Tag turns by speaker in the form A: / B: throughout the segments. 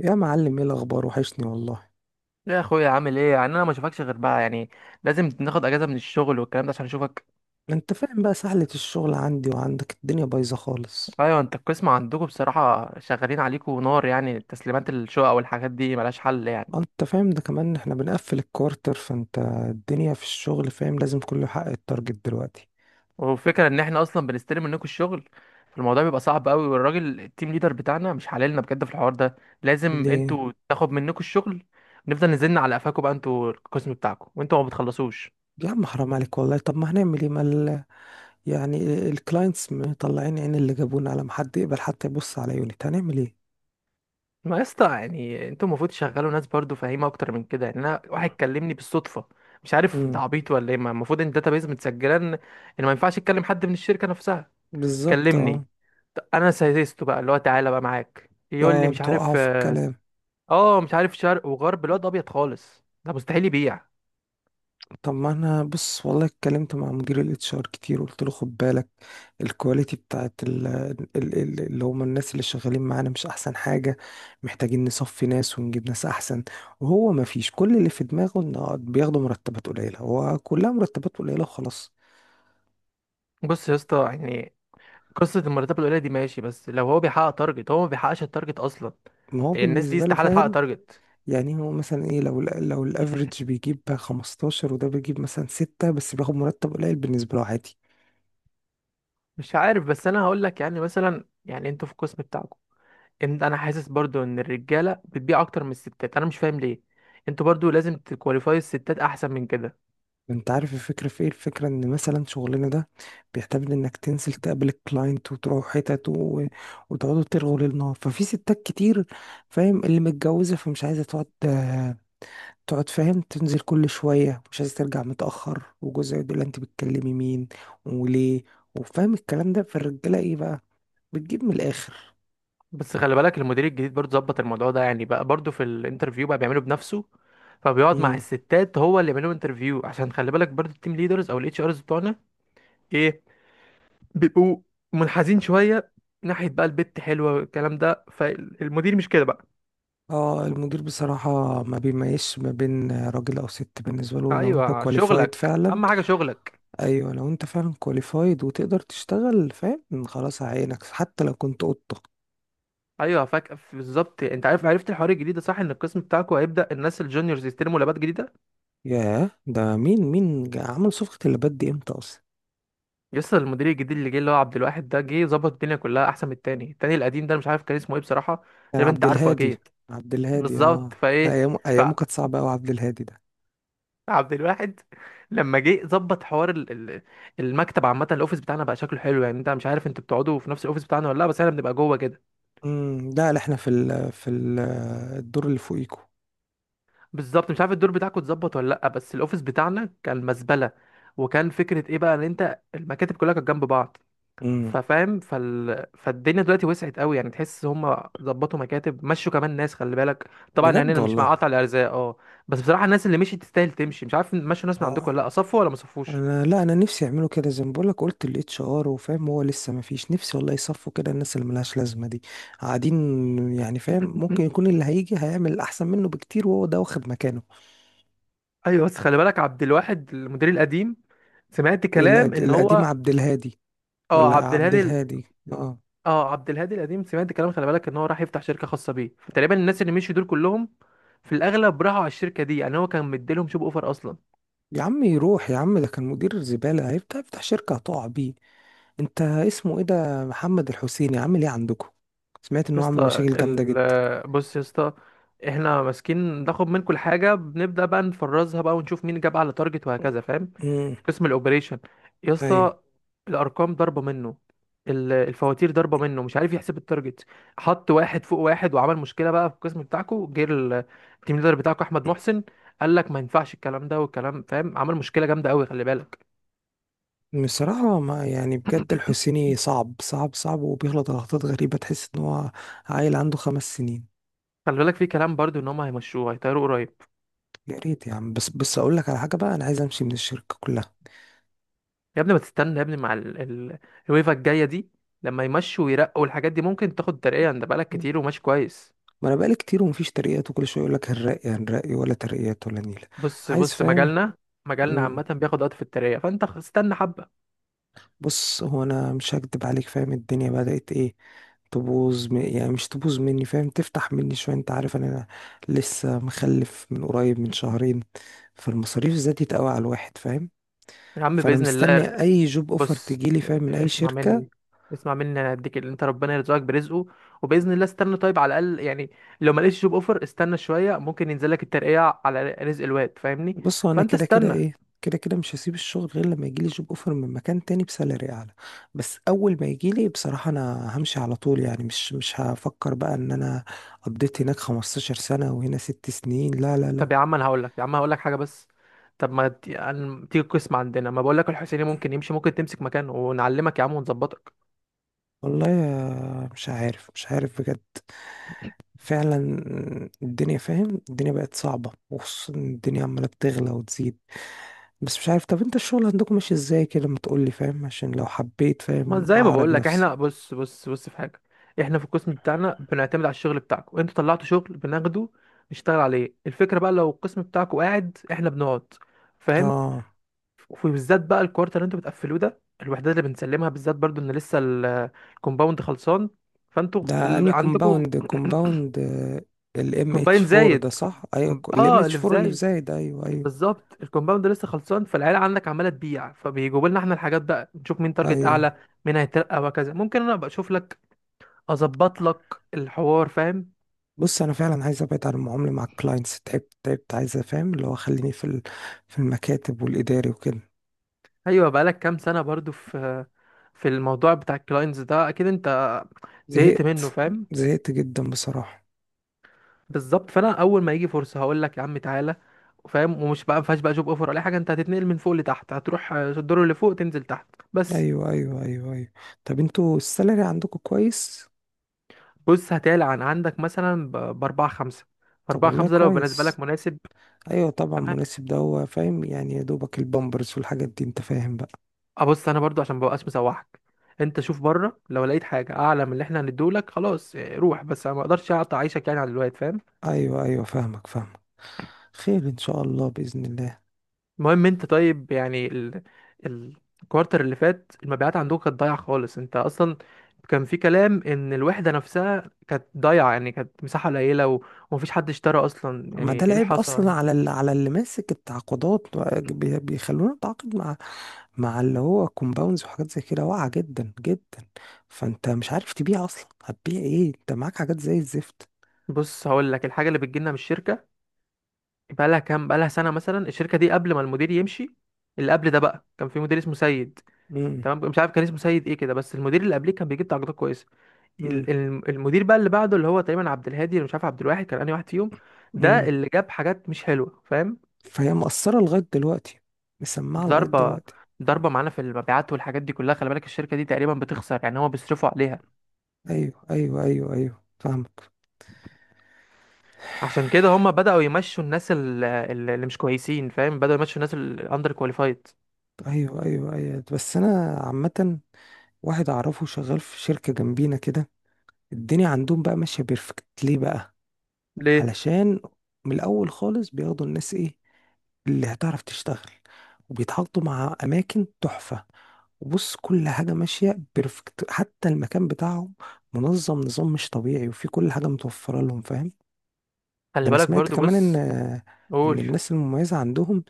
A: يا معلم، ايه الاخبار؟ وحشني والله.
B: يا اخويا عامل ايه يعني، انا ما اشوفكش غير بقى يعني. لازم ناخد اجازه من الشغل والكلام ده عشان اشوفك.
A: انت فاهم بقى، سهلة الشغل عندي وعندك، الدنيا بايظة خالص.
B: ايوه انت القسم عندكم بصراحه شغالين عليكم نار يعني، تسليمات الشقق والحاجات دي ملهاش حل يعني.
A: انت فاهم ده كمان، احنا بنقفل الكوارتر، فانت الدنيا في الشغل، فاهم؟ لازم كله يحقق التارجت دلوقتي.
B: والفكره ان احنا اصلا بنستلم منكم الشغل، فالموضوع بيبقى صعب قوي. والراجل التيم ليدر بتاعنا مش حللنا بجد في الحوار ده، لازم
A: ليه؟
B: انتوا تاخد منكم الشغل. نفضل نزلنا على قفاكم بقى، انتوا القسم بتاعكم وانتوا ما بتخلصوش.
A: يا عم حرام عليك والله، طب ما هنعمل ايه؟ مال يعني، الكلاينتس مطلعين عين اللي جابونا، على ما حد يقبل حتى يبص على يونت، هنعمل ايه؟
B: ما يا اسطى يعني انتوا المفروض تشغلوا ناس برضو فاهمه اكتر من كده يعني. انا واحد كلمني بالصدفه مش عارف ده
A: امم.
B: عبيط ولا ايه، ما المفروض ان الداتابيز متسجله ان ما ينفعش اتكلم حد من الشركه نفسها.
A: بالظبط،
B: كلمني،
A: اه.
B: انا سايسته بقى اللي هو تعالى بقى معاك، يقول لي
A: اه،
B: مش عارف
A: بتوقعه في
B: اه.
A: الكلام.
B: مش عارف شرق وغرب، الواد ابيض خالص، ده مستحيل يبيع.
A: طب ما انا، بص والله اتكلمت مع مدير الاتش ار كتير وقلت له خد بالك، الكواليتي بتاعت ال ال ال اللي هم الناس اللي شغالين معانا مش احسن حاجة، محتاجين نصفي ناس ونجيب ناس احسن. وهو ما فيش، كل اللي في دماغه انه بياخدوا مرتبات قليلة، هو كلها مرتبات قليلة وخلاص.
B: بص يا اسطى يعني، قصه المرتبات القليله دي ماشي، بس لو هو بيحقق تارجت. هو ما بيحققش التارجت اصلا
A: ما هو
B: يعني، الناس دي
A: بالنسبة له
B: استحاله تحقق
A: فاهم.
B: تارجت.
A: يعني هو مثلا ايه، لو لو الافريج بيجيب 15، وده بيجيب مثلا 6 بس، بياخد مرتب قليل بالنسبة له عادي.
B: مش عارف، بس انا هقول لك يعني مثلا يعني، انتوا في القسم بتاعكم، ان انا حاسس برضو ان الرجاله بتبيع اكتر من الستات، انا مش فاهم ليه. انتوا برضو لازم تكواليفاي الستات احسن من كده.
A: انت عارف الفكرة في ايه؟ الفكرة ان مثلا شغلنا ده بيعتمد انك تنزل تقابل الكلاينت وتروح حتت. وتقعدوا ترغوا للنار، ففي ستات كتير، فاهم، اللي متجوزة فمش عايزة تقعد، تقعد، فاهم، تنزل كل شوية، مش عايزة ترجع متأخر وجوزها يقول لها انت بتكلمي مين وليه، وفاهم الكلام ده. فالرجالة ايه بقى؟ بتجيب من الآخر.
B: بس خلي بالك المدير الجديد برضو ظبط الموضوع ده يعني، بقى برضو في الانترفيو بقى بيعمله بنفسه، فبيقعد مع
A: مم.
B: الستات هو اللي يعمل لهم انترفيو. عشان خلي بالك برضو التيم ليدرز او الاتش ارز بتوعنا ايه، بيبقوا منحازين شويه ناحيه بقى البت حلوه والكلام ده. فالمدير مش كده بقى.
A: اه، المدير بصراحة ما بيميزش ما بين راجل أو ست، بالنسبة له لو انت
B: ايوه،
A: كواليفايد
B: شغلك
A: فعلا.
B: اهم حاجه، شغلك.
A: ايوه، لو انت فعلا كواليفايد وتقدر تشتغل، فاهم، خلاص عينك حتى لو كنت قطة.
B: ايوه فاك، بالظبط. انت عارف عرفت الحوار الجديد ده صح؟ ان القسم بتاعكم هيبدا الناس الجونيورز يستلموا لابات جديده.
A: ياه، ده مين مين عمل صفقة اللبات دي امتى اصلا؟
B: يسطا المدير الجديد اللي جه اللي هو عبد الواحد ده جه ظبط الدنيا كلها احسن من التاني القديم ده. أنا مش عارف كان اسمه ايه بصراحه،
A: كان
B: تقريبا انت
A: عبد
B: عارفه
A: الهادي.
B: اكيد.
A: عبد الهادي،
B: بالظبط،
A: اه، ده
B: فايه
A: ايامه ايامه كانت صعبة قوي، عبد الهادي ده.
B: فعبد الواحد لما جه ظبط حوار المكتب عامه، الاوفيس بتاعنا بقى شكله حلو يعني. انت مش عارف انتوا بتقعدوا في نفس الاوفيس بتاعنا ولا لا؟ بس احنا بنبقى جوه كده.
A: لا لا، احنا في ال في ال الدور اللي فوقيكو.
B: بالظبط، مش عارف الدور بتاعكم اتظبط ولا لا، بس الاوفيس بتاعنا كان مزبله. وكان فكره ايه بقى ان انت المكاتب كلها كانت جنب بعض.
A: امم.
B: ففاهم، فالدنيا دلوقتي وسعت قوي يعني، تحس هم ظبطوا مكاتب، مشوا كمان ناس. خلي بالك طبعا يعني
A: بجد
B: انا مش مع
A: والله.
B: قطع الارزاق، اه. بس بصراحه الناس اللي مشيت تستاهل تمشي. مش عارف مشوا ناس من
A: اه،
B: عندكم ولا لا، صفوا ولا ما صفوش.
A: انا، لا، انا نفسي يعملوا كده، زي ما بقولك قلت الاتش ار وفاهم هو لسه ما فيش. نفسي والله يصفوا كده الناس اللي ملهاش لازمه دي، قاعدين، يعني فاهم ممكن يكون اللي هيجي هيعمل احسن منه بكتير وهو ده واخد مكانه.
B: ايوه بس خلي بالك عبد الواحد المدير القديم، سمعت كلام ان
A: القديم
B: هو،
A: عبد الهادي؟ ولا
B: اه عبد
A: عبد
B: الهادي
A: الهادي؟ اه.
B: اه عبد الهادي القديم، سمعت كلام خلي بالك ان هو راح يفتح شركه خاصه بيه. فتقريبا الناس اللي مشوا دول كلهم في الاغلب راحوا على الشركه دي يعني، هو كان مديلهم شوب اوفر اصلا.
A: يا عم يروح يا عم، ده كان مدير زباله، هيفتح يفتح شركه هتقع بيه. انت اسمه ايه ده، محمد الحسيني، عامل ايه عندكم؟ سمعت
B: يا
A: انه عامل
B: اسطى
A: مشاكل جامده جدا.
B: بص يا اسطى، احنا ماسكين ناخد من كل حاجه، بنبدا بقى نفرزها بقى ونشوف مين جاب على تارجت وهكذا، فاهم.
A: امم.
B: قسم الاوبريشن يا
A: ايوه،
B: اسطى، الارقام ضربه منه، الفواتير ضربه منه، مش عارف يحسب التارجت، حط واحد فوق واحد وعمل مشكله بقى في القسم بتاعكو. جه التيم ليدر بتاعكو احمد محسن، قال لك ما ينفعش الكلام ده والكلام، فاهم، عمل مشكله جامده قوي، خلي بالك.
A: بصراحة ما يعني بجد، الحسيني صعب صعب صعب، وبيغلط غلطات غريبة، تحس ان هو عيل عنده 5 سنين.
B: خلي بالك في كلام برضو ان هم هيمشوه، هيطيروا قريب.
A: يا ريت يا عم، بس بس اقول لك على حاجة بقى، انا عايز امشي من الشركة كلها.
B: يا ابني ما تستنى يا ابني، مع الويفا الجايه دي، لما يمشوا ويرقوا الحاجات دي ممكن تاخد ترقية، انت بقالك كتير وماشي كويس.
A: ما انا بقالي كتير ومفيش ترقيات، وكل شوية يقول لك هنرقي هنرقي، ولا ترقيات ولا نيلة.
B: بص
A: عايز،
B: بص
A: فاهم.
B: مجالنا، مجالنا
A: مم.
B: عامة بياخد وقت في الترقية، فانت استنى حبة.
A: بص هو انا مش هكدب عليك، فاهم، الدنيا بدأت ايه تبوظ. يعني مش تبوظ مني، فاهم، تفتح مني شوية. انت عارف ان انا لسه مخلف من قريب، من شهرين، فالمصاريف زادت قوي على الواحد فاهم.
B: يا عم
A: فانا
B: بإذن الله.
A: مستني اي جوب اوفر
B: بص،
A: تجيلي، فاهم، من اي
B: اسمع
A: شركه.
B: مني، اسمع مني، انا هديك، اللي انت ربنا يرزقك برزقه، وبإذن الله استنى طيب على الأقل يعني. لو ما لقيتش جوب اوفر استنى شوية، ممكن ينزل لك الترقية على رزق الواد فاهمني.
A: بص، هو انا
B: فانت
A: كده كده
B: استنى.
A: ايه، كده كده مش هسيب الشغل غير لما يجيلي جوب اوفر من مكان تاني بسالري اعلى. بس اول ما يجيلي بصراحه انا همشي على طول، يعني مش هفكر بقى ان انا قضيت هناك 15 سنه وهنا 6 سنين، لا لا لا.
B: طب يا عم انا هقول لك، يا عم هقول لك حاجه بس، طب ما ت- يعني تيجي القسم عندنا، ما بقول لك الحسيني ممكن يمشي، ممكن تمسك مكانه ونعلمك يا عم ونظبطك.
A: والله يا، مش عارف مش عارف بجد، فعلا. الدنيا فاهم، الدنيا بقت صعبة، وخصوصا إن الدنيا عمالة بتغلى وتزيد. بس مش عارف، طب انت الشغل عندكم ماشي ازاي كده، ما تقولي فاهم عشان لو حبيت
B: ما
A: فاهم
B: زي ما
A: اعرض
B: بقول لك،
A: نفسي.
B: احنا بص، في حاجه، احنا في القسم بتاعنا بنعتمد على الشغل بتاعكم، انتوا طلعتوا شغل بناخده نشتغل عليه. الفكره بقى لو القسم بتاعكم قاعد، احنا بنقعد، فاهم.
A: اه،
B: وبالذات بقى الكوارتر اللي انتوا بتقفلوه ده، الوحدات اللي بنسلمها بالذات برضو، ان لسه الكومباوند خلصان. فانتوا
A: ده اني
B: عندكم
A: كومباوند؟ كومباوند الام اتش
B: كومباين
A: 4
B: زايد،
A: ده، صح؟ ايوه الام
B: اه
A: اتش
B: اللي في
A: 4 اللي في
B: زايد.
A: زايد. ايوه، ايوه،
B: بالظبط، الكومباوند لسه خلصان، فالعيله عندك عماله تبيع، فبيجيبوا لنا احنا الحاجات بقى، نشوف مين تارجت
A: ايوه،
B: اعلى، مين هيترقى وهكذا. ممكن انا ابقى اشوف لك، اظبط لك الحوار فاهم.
A: بص انا فعلا عايز ابعد عن المعامله مع الكلاينتس، تعبت تعبت، عايز افهم اللي هو خليني في المكاتب والاداري وكده.
B: ايوه، بقالك كام سنه برضو في في الموضوع بتاع الكلاينتس ده، اكيد انت زهقت
A: زهقت.
B: منه فاهم.
A: زهقت جدا بصراحه.
B: بالظبط، فانا اول ما يجي فرصه هقول لك يا عم تعالى، فاهم، ومش بقى ما فيهاش بقى جوب اوفر ولا أي حاجه، انت هتتنقل من فوق لتحت. هتروح، الدور اللي فوق تنزل تحت بس.
A: ايوه ايوه ايوه ايوه. طب انتوا السالري عندكم كويس؟
B: بص، هتعلى عن عندك مثلا باربعة خمسة.
A: طب
B: أربعة
A: والله
B: خمسة لو بالنسبة
A: كويس.
B: لك مناسب.
A: ايوه طبعا مناسب، ده هو فاهم يعني يا دوبك البامبرز والحاجات دي، انت فاهم بقى.
B: ابص، انا برضو عشان مبقاش مسوحك، انت شوف بره لو لقيت حاجه اعلى من اللي احنا هنديهولك خلاص روح. بس انا ما اقدرش اقطع عيشك يعني على الوقت، فاهم.
A: ايوه ايوه فاهمك فاهمك. خير ان شاء الله، باذن الله.
B: المهم انت طيب يعني ال- الكوارتر اللي فات المبيعات عندكم كانت ضايعه خالص. انت اصلا كان في كلام ان الوحده نفسها كانت ضايعه يعني، كانت مساحه قليله ومفيش حد اشترى اصلا
A: ما
B: يعني.
A: ده
B: ايه اللي
A: العيب اصلا
B: حصل؟
A: على اللي، على اللي ماسك التعاقدات، بيخلونا نتعاقد مع، مع اللي هو كومباوندز وحاجات زي كده، واقعه جدا جدا. فانت مش عارف تبيع اصلا، هتبيع ايه؟ انت معاك حاجات زي الزفت.
B: بص هقول لك، الحاجه اللي بتجيلنا من الشركه بقى لها كام، بقى لها سنه مثلا الشركه دي. قبل ما المدير يمشي، اللي قبل ده بقى كان في مدير اسمه سيد.
A: امم
B: تمام، مش عارف كان اسمه سيد ايه كده، بس المدير اللي قبليه كان بيجيب درجات كويسه.
A: امم
B: المدير بقى اللي بعده اللي هو تقريبا عبد الهادي، اللي مش عارف عبد الواحد كان انهي واحد فيهم، ده
A: امم
B: اللي جاب حاجات مش حلوه فاهم.
A: فهي مقصره لغايه دلوقتي، مسمعه لغايه
B: ضربه،
A: دلوقتي.
B: ضربه معانا في المبيعات والحاجات دي كلها. خلي بالك الشركه دي تقريبا بتخسر يعني، هما بيصرفوا عليها.
A: ايوه ايوه ايوه ايوه فاهمك.
B: عشان كده هما بداوا يمشوا الناس اللي مش كويسين، فاهم، بداوا يمشوا الناس الاندر كواليفايد.
A: ايوه ايوه ايوه، بس انا عامه، واحد اعرفه شغال في شركه جنبينا كده، الدنيا عندهم بقى ماشيه بيرفكت. ليه بقى؟
B: ليه؟
A: علشان من الاول خالص بياخدوا الناس ايه، اللي هتعرف تشتغل، وبيتحطوا مع اماكن تحفه، وبص كل حاجه ماشيه بيرفكت، حتى المكان بتاعهم منظم نظام مش طبيعي، وفي كل حاجه متوفره لهم فاهم. ده
B: خلي
A: انا
B: بالك
A: سمعت
B: برضو،
A: كمان ان
B: بص.
A: ان
B: قول.
A: الناس المميزه عندهم،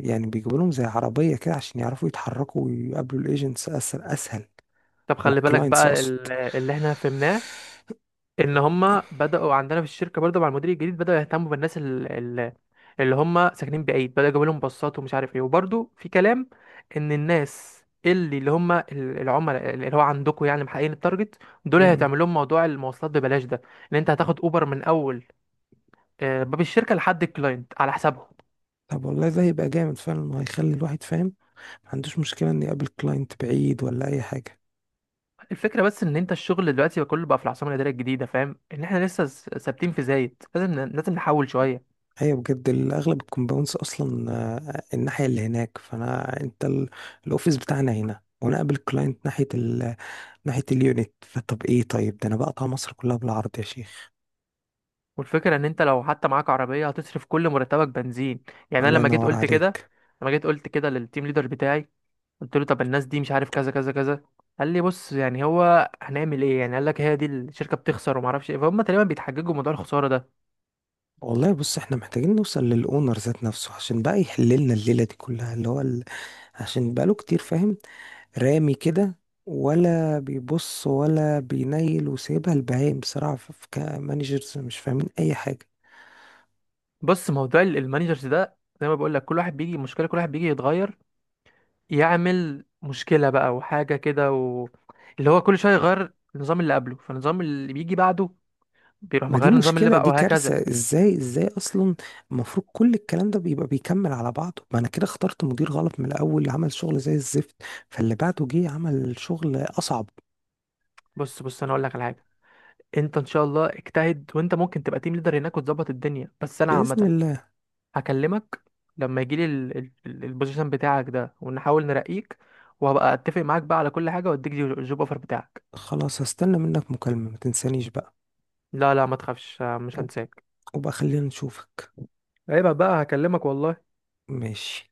A: يعني بيجيبوا لهم زي عربيه كده عشان يعرفوا يتحركوا ويقابلوا الايجنتس اسهل اسهل،
B: طب
A: او
B: خلي بالك
A: الكلاينتس
B: بقى
A: اقصد.
B: اللي احنا فهمناه، ان هم بداوا عندنا في الشركه برضه مع المدير الجديد، بداوا يهتموا بالناس ال- اللي هم ساكنين بعيد، بداوا يجيبوا لهم باصات ومش عارف ايه. وبرضه في كلام ان الناس اللي هم العملاء اللي هو عندكم يعني محققين التارجت، دول
A: مم.
B: هيتعمل لهم موضوع المواصلات ببلاش ده، ان انت هتاخد اوبر من اول باب الشركه لحد الكلاينت على حسابهم.
A: طب والله ده هيبقى جامد فعلا، وهيخلي الواحد فاهم ما عندوش مشكله ان يقابل كلاينت بعيد ولا اي حاجه.
B: الفكره بس ان انت الشغل دلوقتي بقى كله بقى في العاصمه الاداريه الجديده، فاهم، ان احنا لسه ثابتين في زايد، لازم لازم نحول شويه.
A: ايوه بجد، اغلب الكومباوندز اصلا آه، الناحيه اللي هناك، فانا انت الاوفيس بتاعنا هنا، وانا قابل كلاينت ناحيه ناحيه اليونت، فطب ايه طيب، ده انا بقطع مصر كلها بالعرض يا شيخ.
B: والفكرة ان انت لو حتى معاك عربية هتصرف كل مرتبك بنزين. يعني انا
A: الله
B: لما جيت
A: ينور
B: قلت كده،
A: عليك.
B: لما جيت قلت كده للتيم ليدر بتاعي، قلت له طب الناس دي مش عارف كذا كذا كذا. قال لي بص يعني هو هنعمل ايه يعني، قال لك هي دي الشركة بتخسر وما اعرفش ايه. فهم تقريبا بيتحججوا موضوع الخسارة ده.
A: والله بص، احنا محتاجين نوصل للاونر ذات نفسه عشان بقى يحل لنا الليله دي كلها اللي هو عشان بقاله كتير، فاهم، رامي كده، ولا بيبص ولا بينيل، وسايبها البهايم بصراحه، كمانجرز مش فاهمين اي حاجه.
B: بص موضوع المانجرز ده زي ما بقول لك، كل واحد بيجي مشكلة، كل واحد بيجي يتغير يعمل مشكلة بقى وحاجة كده اللي هو كل شوية يغير النظام اللي قبله، فالنظام اللي بيجي بعده بيروح
A: ما دي
B: مغير النظام اللي
A: مشكله،
B: بقى،
A: دي
B: وهكذا.
A: كارثه، ازاي ازاي اصلا؟ المفروض كل الكلام ده بيبقى بيكمل على بعضه، ما انا كده اخترت مدير غلط من الاول عمل شغل زي الزفت، فاللي بعده جه عمل شغل اصعب.
B: بص، انا اقول لك على حاجة. انت ان شاء الله اجتهد وانت ممكن تبقى تيم ليدر هناك وتظبط الدنيا، بس انا
A: باذن
B: عامه
A: الله.
B: هكلمك لما يجيلي البوزيشن بتاعك ده، ونحاول نرقيك، وهبقى اتفق معاك بقى على كل حاجه واديك الجوب اوفر بتاعك.
A: خلاص هستنى منك مكالمه، ما تنسانيش بقى.
B: لا لا ما تخافش، مش
A: وب-
B: هنساك.
A: وبقى خلينا نشوفك.
B: عيب بقى، هكلمك والله.
A: ماشي.